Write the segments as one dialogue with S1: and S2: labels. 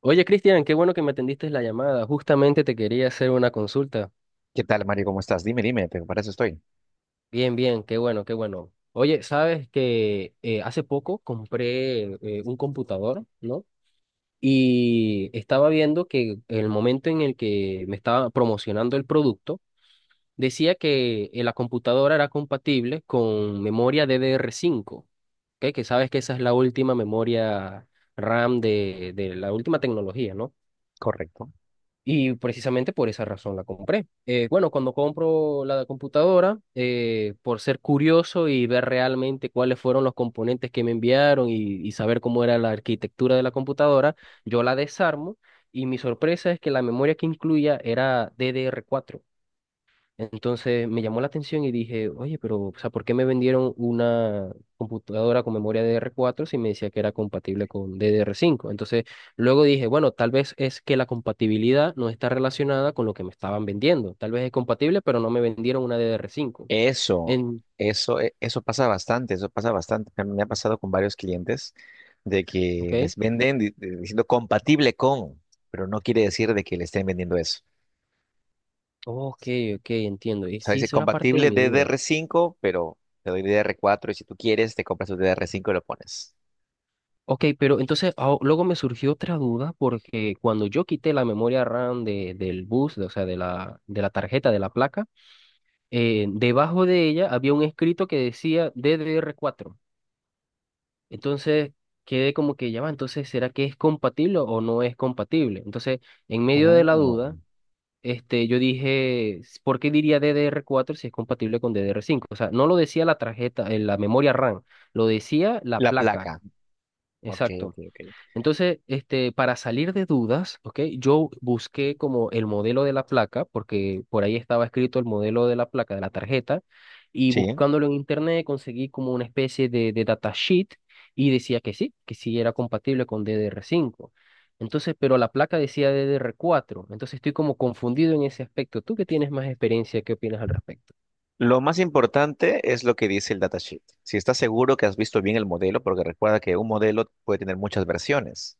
S1: Oye, Cristian, qué bueno que me atendiste la llamada. Justamente te quería hacer una consulta.
S2: ¿Qué tal, Mario? ¿Cómo estás? Dime, pero para eso estoy.
S1: Bien, bien, qué bueno, qué bueno. Oye, sabes que hace poco compré un computador, ¿no? Y estaba viendo que el momento en el que me estaba promocionando el producto, decía que la computadora era compatible con memoria DDR5, ¿ok? Que sabes que esa es la última memoria RAM de la última tecnología, ¿no?
S2: Correcto.
S1: Y precisamente por esa razón la compré. Bueno, cuando compro la computadora, por ser curioso y ver realmente cuáles fueron los componentes que me enviaron y saber cómo era la arquitectura de la computadora, yo la desarmo y mi sorpresa es que la memoria que incluía era DDR4. Entonces me llamó la atención y dije, oye, pero, o sea, ¿por qué me vendieron una computadora con memoria DDR4 si me decía que era compatible con DDR5? Entonces luego dije, bueno, tal vez es que la compatibilidad no está relacionada con lo que me estaban vendiendo. Tal vez es compatible, pero no me vendieron una DDR5.
S2: Eso,
S1: En,
S2: eso pasa bastante, eso pasa bastante. Me ha pasado con varios clientes de que
S1: ok,
S2: les venden diciendo compatible con, pero no quiere decir de que le estén vendiendo eso.
S1: ok, ok, entiendo. Y
S2: O sea,
S1: sí,
S2: dice
S1: eso era parte de
S2: compatible
S1: mi duda.
S2: DDR5, pero te doy DDR4, y si tú quieres te compras el DDR5 y lo pones.
S1: Ok, pero entonces luego me surgió otra duda porque cuando yo quité la memoria RAM del bus, o sea, de la tarjeta, de la placa, debajo de ella había un escrito que decía DDR4. Entonces quedé como que ya va, entonces ¿será que es compatible o no es compatible? Entonces, en medio de la duda,
S2: Mm.
S1: este, yo dije, ¿por qué diría DDR4 si es compatible con DDR5? O sea, no lo decía la tarjeta, la memoria RAM, lo decía la
S2: La
S1: placa.
S2: placa. Ok,
S1: Exacto.
S2: ok, ok.
S1: Entonces, este, para salir de dudas, ¿ok? Yo busqué como el modelo de la placa, porque por ahí estaba escrito el modelo de la placa, de la tarjeta, y
S2: Sí.
S1: buscándolo en internet conseguí como una especie de datasheet y decía que sí era compatible con DDR5. Entonces, pero la placa decía DDR4. Entonces estoy como confundido en ese aspecto. Tú que tienes más experiencia, ¿qué opinas al respecto?
S2: Lo más importante es lo que dice el datasheet. Si estás seguro que has visto bien el modelo, porque recuerda que un modelo puede tener muchas versiones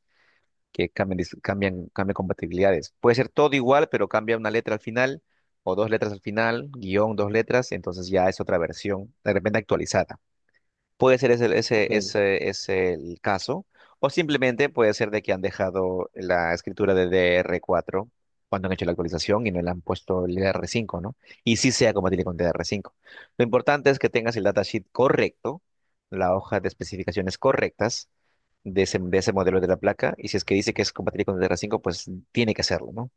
S2: que cambian, cambian compatibilidades. Puede ser todo igual, pero cambia una letra al final o dos letras al final, guión, dos letras, entonces ya es otra versión, de repente actualizada. Puede ser
S1: Ok.
S2: ese es el caso, o simplemente puede ser de que han dejado la escritura de dr cuatro cuando han hecho la actualización y no le han puesto el dr cinco, ¿no? Y sí sea compatible con dr cinco. Lo importante es que tengas el datasheet correcto, la hoja de especificaciones correctas de ese modelo de la placa, y si es que dice que es compatible con dr cinco, pues tiene que hacerlo, ¿no?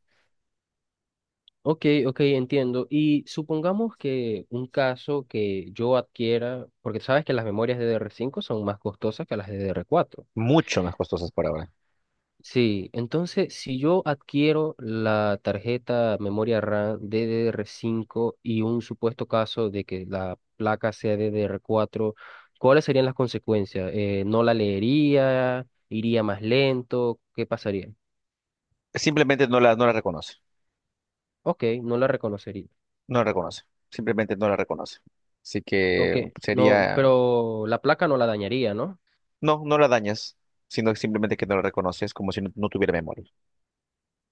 S1: Ok, ok, entiendo. Y supongamos que un caso que yo adquiera, porque sabes que las memorias DDR5 son más costosas que las DDR4.
S2: Mucho más costosas por ahora.
S1: Sí, entonces si yo adquiero la tarjeta memoria RAM DDR5 y un supuesto caso de que la placa sea DDR4, ¿cuáles serían las consecuencias? ¿No la leería? ¿Iría más lento? ¿Qué pasaría?
S2: Simplemente no la reconoce,
S1: Ok, no la reconocería.
S2: no la reconoce, simplemente no la reconoce. Así
S1: Ok,
S2: que
S1: no,
S2: sería...
S1: pero la placa no la dañaría, ¿no?
S2: No, no la dañas, sino simplemente que no la reconoces como si no, no tuviera memoria.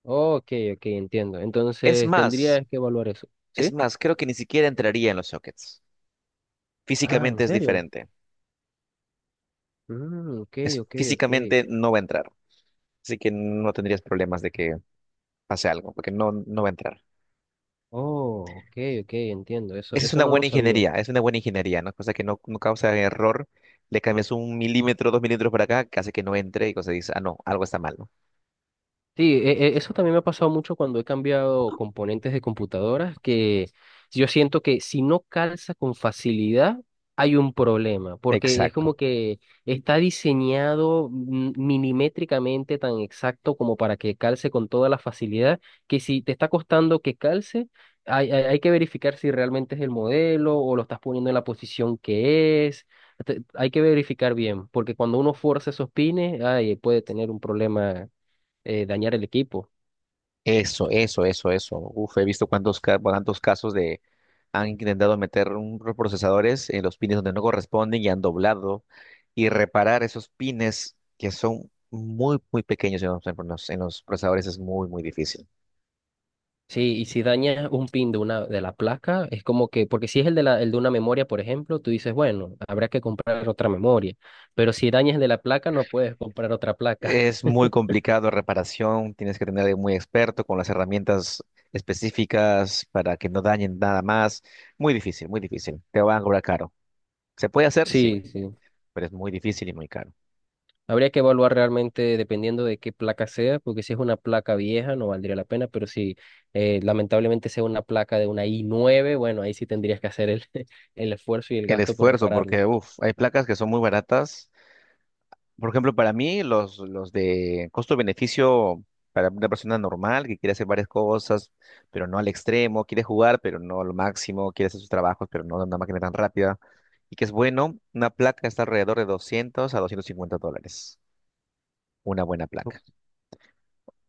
S1: Ok, ok, entiendo.
S2: Es
S1: Entonces
S2: más,
S1: tendrías que evaluar eso,
S2: es
S1: ¿sí?
S2: más, creo que ni siquiera entraría en los sockets.
S1: Ah, ¿en
S2: Físicamente es
S1: serio?
S2: diferente.
S1: Mm, ok,
S2: Es,
S1: ok, ok.
S2: físicamente no va a entrar. Así que no tendrías problemas de que pase algo, porque no, no va a entrar.
S1: Oh, ok, ok, entiendo. Eso,
S2: Esa es
S1: eso
S2: una
S1: no lo
S2: buena
S1: sabía.
S2: ingeniería, es una buena ingeniería, ¿no? Cosa que no, no causa error. Le cambias un milímetro, dos milímetros para acá, que hace que no entre y cosa dice, ah, no, algo está mal, ¿no?
S1: Sí, eso también me ha pasado mucho cuando he cambiado componentes de computadoras, que yo siento que si no calza con facilidad, hay un problema, porque es
S2: Exacto.
S1: como que está diseñado milimétricamente tan exacto como para que calce con toda la facilidad, que si te está costando que calce, hay que verificar si realmente es el modelo o lo estás poniendo en la posición que es. Hay que verificar bien, porque cuando uno fuerza esos pines, ay, puede tener un problema, dañar el equipo.
S2: Eso. Uf, he visto cuántos, cuántos casos de. Han intentado meter unos procesadores en los pines donde no corresponden y han doblado, y reparar esos pines que son muy, muy pequeños en en los procesadores es muy, muy difícil.
S1: Sí, y si dañas un pin de una de la placa, es como que, porque si es el de una memoria, por ejemplo, tú dices, bueno, habrá que comprar otra memoria, pero si dañas el de la placa, no puedes comprar otra placa.
S2: Es muy complicado reparación, tienes que tener a alguien muy experto con las herramientas específicas para que no dañen nada más. Muy difícil, muy difícil. Te van a cobrar caro. ¿Se puede hacer? Sí,
S1: Sí, sí.
S2: pero es muy difícil y muy caro.
S1: Habría que evaluar realmente dependiendo de qué placa sea, porque si es una placa vieja no valdría la pena, pero si lamentablemente sea una placa de una i9, bueno, ahí sí tendrías que hacer el, el esfuerzo y el
S2: El
S1: gasto por
S2: esfuerzo,
S1: repararla.
S2: porque uf, hay placas que son muy baratas. Por ejemplo, para mí, los de costo-beneficio para una persona normal que quiere hacer varias cosas, pero no al extremo, quiere jugar, pero no a lo máximo, quiere hacer sus trabajos, pero no de una máquina tan rápida, y que es bueno, una placa está alrededor de 200 a $250. Una buena placa,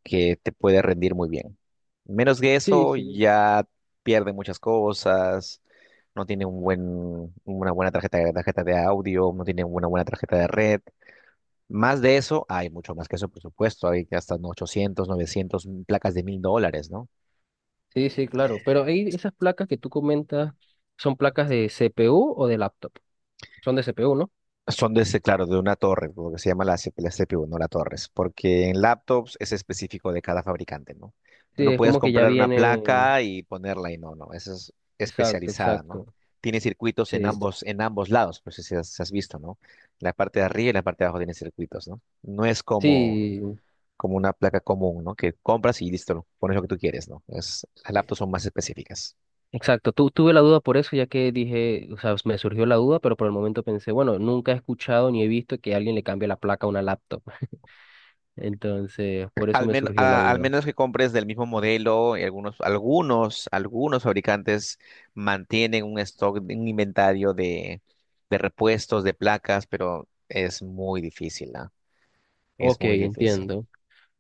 S2: que te puede rendir muy bien. Menos que
S1: Sí,
S2: eso,
S1: sí.
S2: ya pierde muchas cosas, no tiene un buen, una buena tarjeta, tarjeta de audio, no tiene una buena tarjeta de red. Más de eso, hay mucho más que eso, por supuesto. Hay que hasta 800, 900, placas de $1000, ¿no?
S1: Sí, sí, claro. Pero ahí esas placas que tú comentas, ¿son placas de CPU o de laptop? Son de CPU, ¿no?
S2: Son de ese, claro, de una torre, lo que se llama la, la CPU, no la torres, porque en laptops es específico de cada fabricante, ¿no?
S1: Sí,
S2: Tú no
S1: es
S2: puedes
S1: como que ya
S2: comprar una
S1: viene.
S2: placa y ponerla y no, no, esa es
S1: Exacto,
S2: especializada, ¿no?
S1: exacto.
S2: Tiene circuitos en
S1: Sí,
S2: ambos lados, pues si has visto, ¿no? La parte de arriba y la parte de abajo tiene circuitos, ¿no? No es como,
S1: sí,
S2: como una placa común, ¿no? Que compras y listo, pones lo que tú quieres, ¿no? Es, las laptops son más específicas.
S1: exacto. Tuve la duda por eso, ya que dije, o sea, me surgió la duda, pero por el momento pensé, bueno, nunca he escuchado ni he visto que alguien le cambie la placa a una laptop. Entonces, por eso
S2: Al
S1: me
S2: men-
S1: surgió la
S2: a- al
S1: duda.
S2: menos que compres del mismo modelo, y algunos fabricantes mantienen un stock, un inventario de repuestos, de placas, pero es muy difícil, ¿ah? Es
S1: Ok,
S2: muy difícil.
S1: entiendo.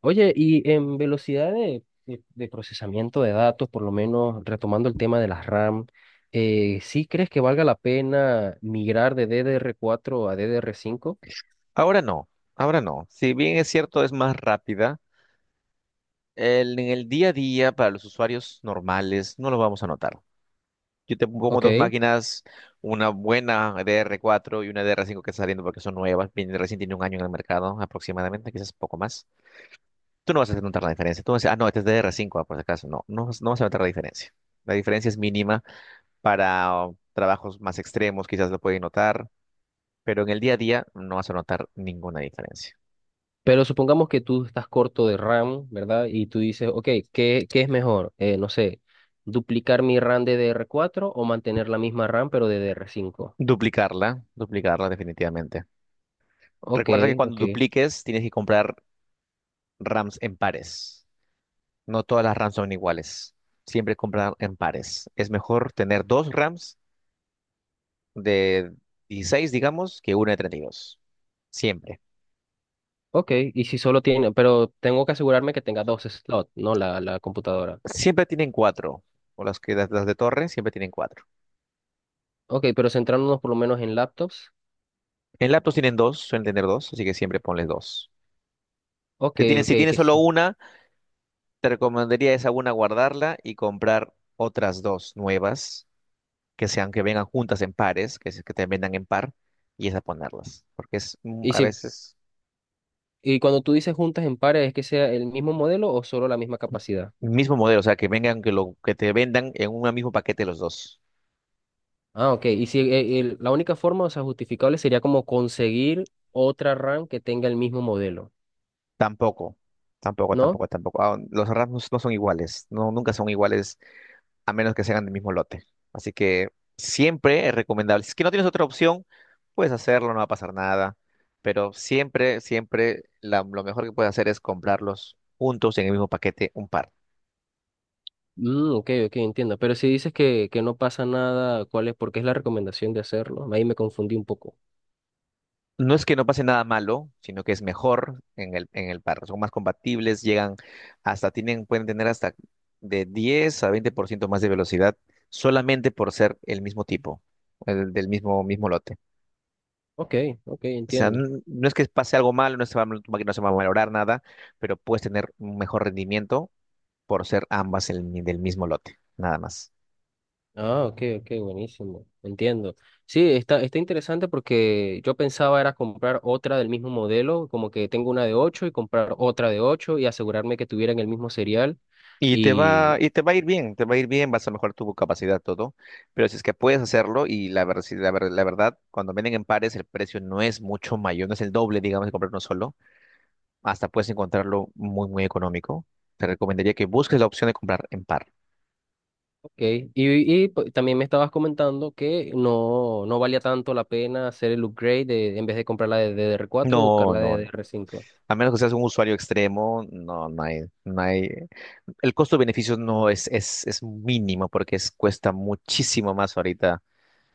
S1: Oye, y en velocidad de procesamiento de datos, por lo menos retomando el tema de las RAM, ¿sí crees que valga la pena migrar de DDR4 a DDR5?
S2: Ahora no, ahora no. Si bien es cierto, es más rápida, en el día a día para los usuarios normales no lo vamos a notar. Yo te pongo dos
S1: Ok,
S2: máquinas, una buena dr cuatro y una dr cinco que está saliendo porque son nuevas, recién tiene un año en el mercado aproximadamente, quizás poco más. Tú no vas a notar la diferencia. Tú vas a decir, ah, no, este es DR5, ah, por si acaso. No, no, no vas a notar la diferencia. La diferencia es mínima para trabajos más extremos, quizás lo pueden notar, pero en el día a día no vas a notar ninguna diferencia.
S1: pero supongamos que tú estás corto de RAM, ¿verdad? Y tú dices, ok, ¿qué es mejor? No sé, duplicar mi RAM DDR4 o mantener la misma RAM pero DDR5.
S2: Duplicarla definitivamente.
S1: Ok,
S2: Recuerda que cuando
S1: ok,
S2: dupliques tienes que comprar RAMs en pares. No todas las RAMs son iguales. Siempre comprar en pares. Es mejor tener dos RAMs de 16, digamos, que una de 32. Siempre.
S1: ok. Y si solo tiene, pero tengo que asegurarme que tenga dos slots, ¿no? La computadora.
S2: Siempre tienen cuatro. O las que las de torre siempre tienen cuatro.
S1: Ok, pero centrándonos por lo menos en laptops.
S2: En laptops tienen dos, suelen tener dos, así que siempre ponles dos.
S1: Ok, ok,
S2: Si tienes
S1: que
S2: solo
S1: sí.
S2: una, te recomendaría esa una guardarla y comprar otras dos nuevas, que sean que vengan juntas en pares, que, que te vendan en par, y esas ponerlas. Porque es
S1: Y
S2: a
S1: si,
S2: veces
S1: y cuando tú dices juntas en pares, ¿es que sea el mismo modelo o solo la misma capacidad?
S2: el mismo modelo, o sea, que vengan, que lo que te vendan en un mismo paquete los dos.
S1: Ah, ok. Y si la única forma, o sea, justificable sería como conseguir otra RAM que tenga el mismo modelo,
S2: Tampoco,
S1: ¿no?
S2: tampoco. Ah, los RAMs no son iguales, no, nunca son iguales a menos que sean del mismo lote. Así que siempre es recomendable. Si es que no tienes otra opción, puedes hacerlo, no va a pasar nada. Pero siempre, siempre lo mejor que puedes hacer es comprarlos juntos en el mismo paquete, un par.
S1: Mm, ok, ok, entiendo. Pero si dices que no pasa nada, ¿cuál es? Porque es la recomendación de hacerlo. Ahí me confundí un poco.
S2: No es que no pase nada malo, sino que es mejor en en el par. Son más compatibles, llegan hasta, tienen, pueden tener hasta de 10 a 20% más de velocidad solamente por ser el mismo tipo, el del mismo, mismo lote.
S1: Ok, ok,
S2: O sea,
S1: entiendo.
S2: no es que pase algo malo, no se va, tu máquina no se va a valorar nada, pero puedes tener un mejor rendimiento por ser ambas el del mismo lote, nada más.
S1: Ah, ok, ok, buenísimo, entiendo. Sí, está interesante porque yo pensaba era comprar otra del mismo modelo, como que tengo una de 8 y comprar otra de 8 y asegurarme que tuvieran el mismo serial y,
S2: Y te va a ir bien, te va a ir bien, vas a mejorar tu capacidad, todo. Pero si es que puedes hacerlo, y la, ver- si la, ver- la verdad, cuando venden en pares, el precio no es mucho mayor, no es el doble, digamos, de comprar uno solo. Hasta puedes encontrarlo muy, muy económico. Te recomendaría que busques la opción de comprar en par.
S1: okay. Pues, también me estabas comentando que no, no valía tanto la pena hacer el upgrade de, en vez de comprar la de DDR4, buscar
S2: No,
S1: la de
S2: no,
S1: D
S2: no.
S1: DDR5.
S2: A menos que seas un usuario extremo, no, no hay. El costo-beneficio no es, es mínimo porque es, cuesta muchísimo más ahorita.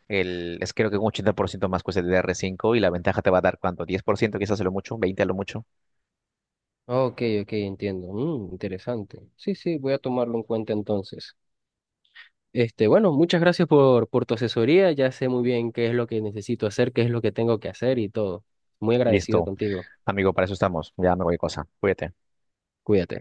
S2: Es creo que un 80% más cuesta el dr cinco y la ventaja te va a dar cuánto, 10% quizás a lo mucho, 20 a lo mucho.
S1: Ok, ok, entiendo. Mm, interesante. Sí, sí, voy a tomarlo en cuenta entonces. Este, bueno, muchas gracias por tu asesoría. Ya sé muy bien qué es lo que necesito hacer, qué es lo que tengo que hacer y todo. Muy agradecido
S2: Listo,
S1: contigo.
S2: amigo, para eso estamos. Ya me voy cosa. Cuídate.
S1: Cuídate.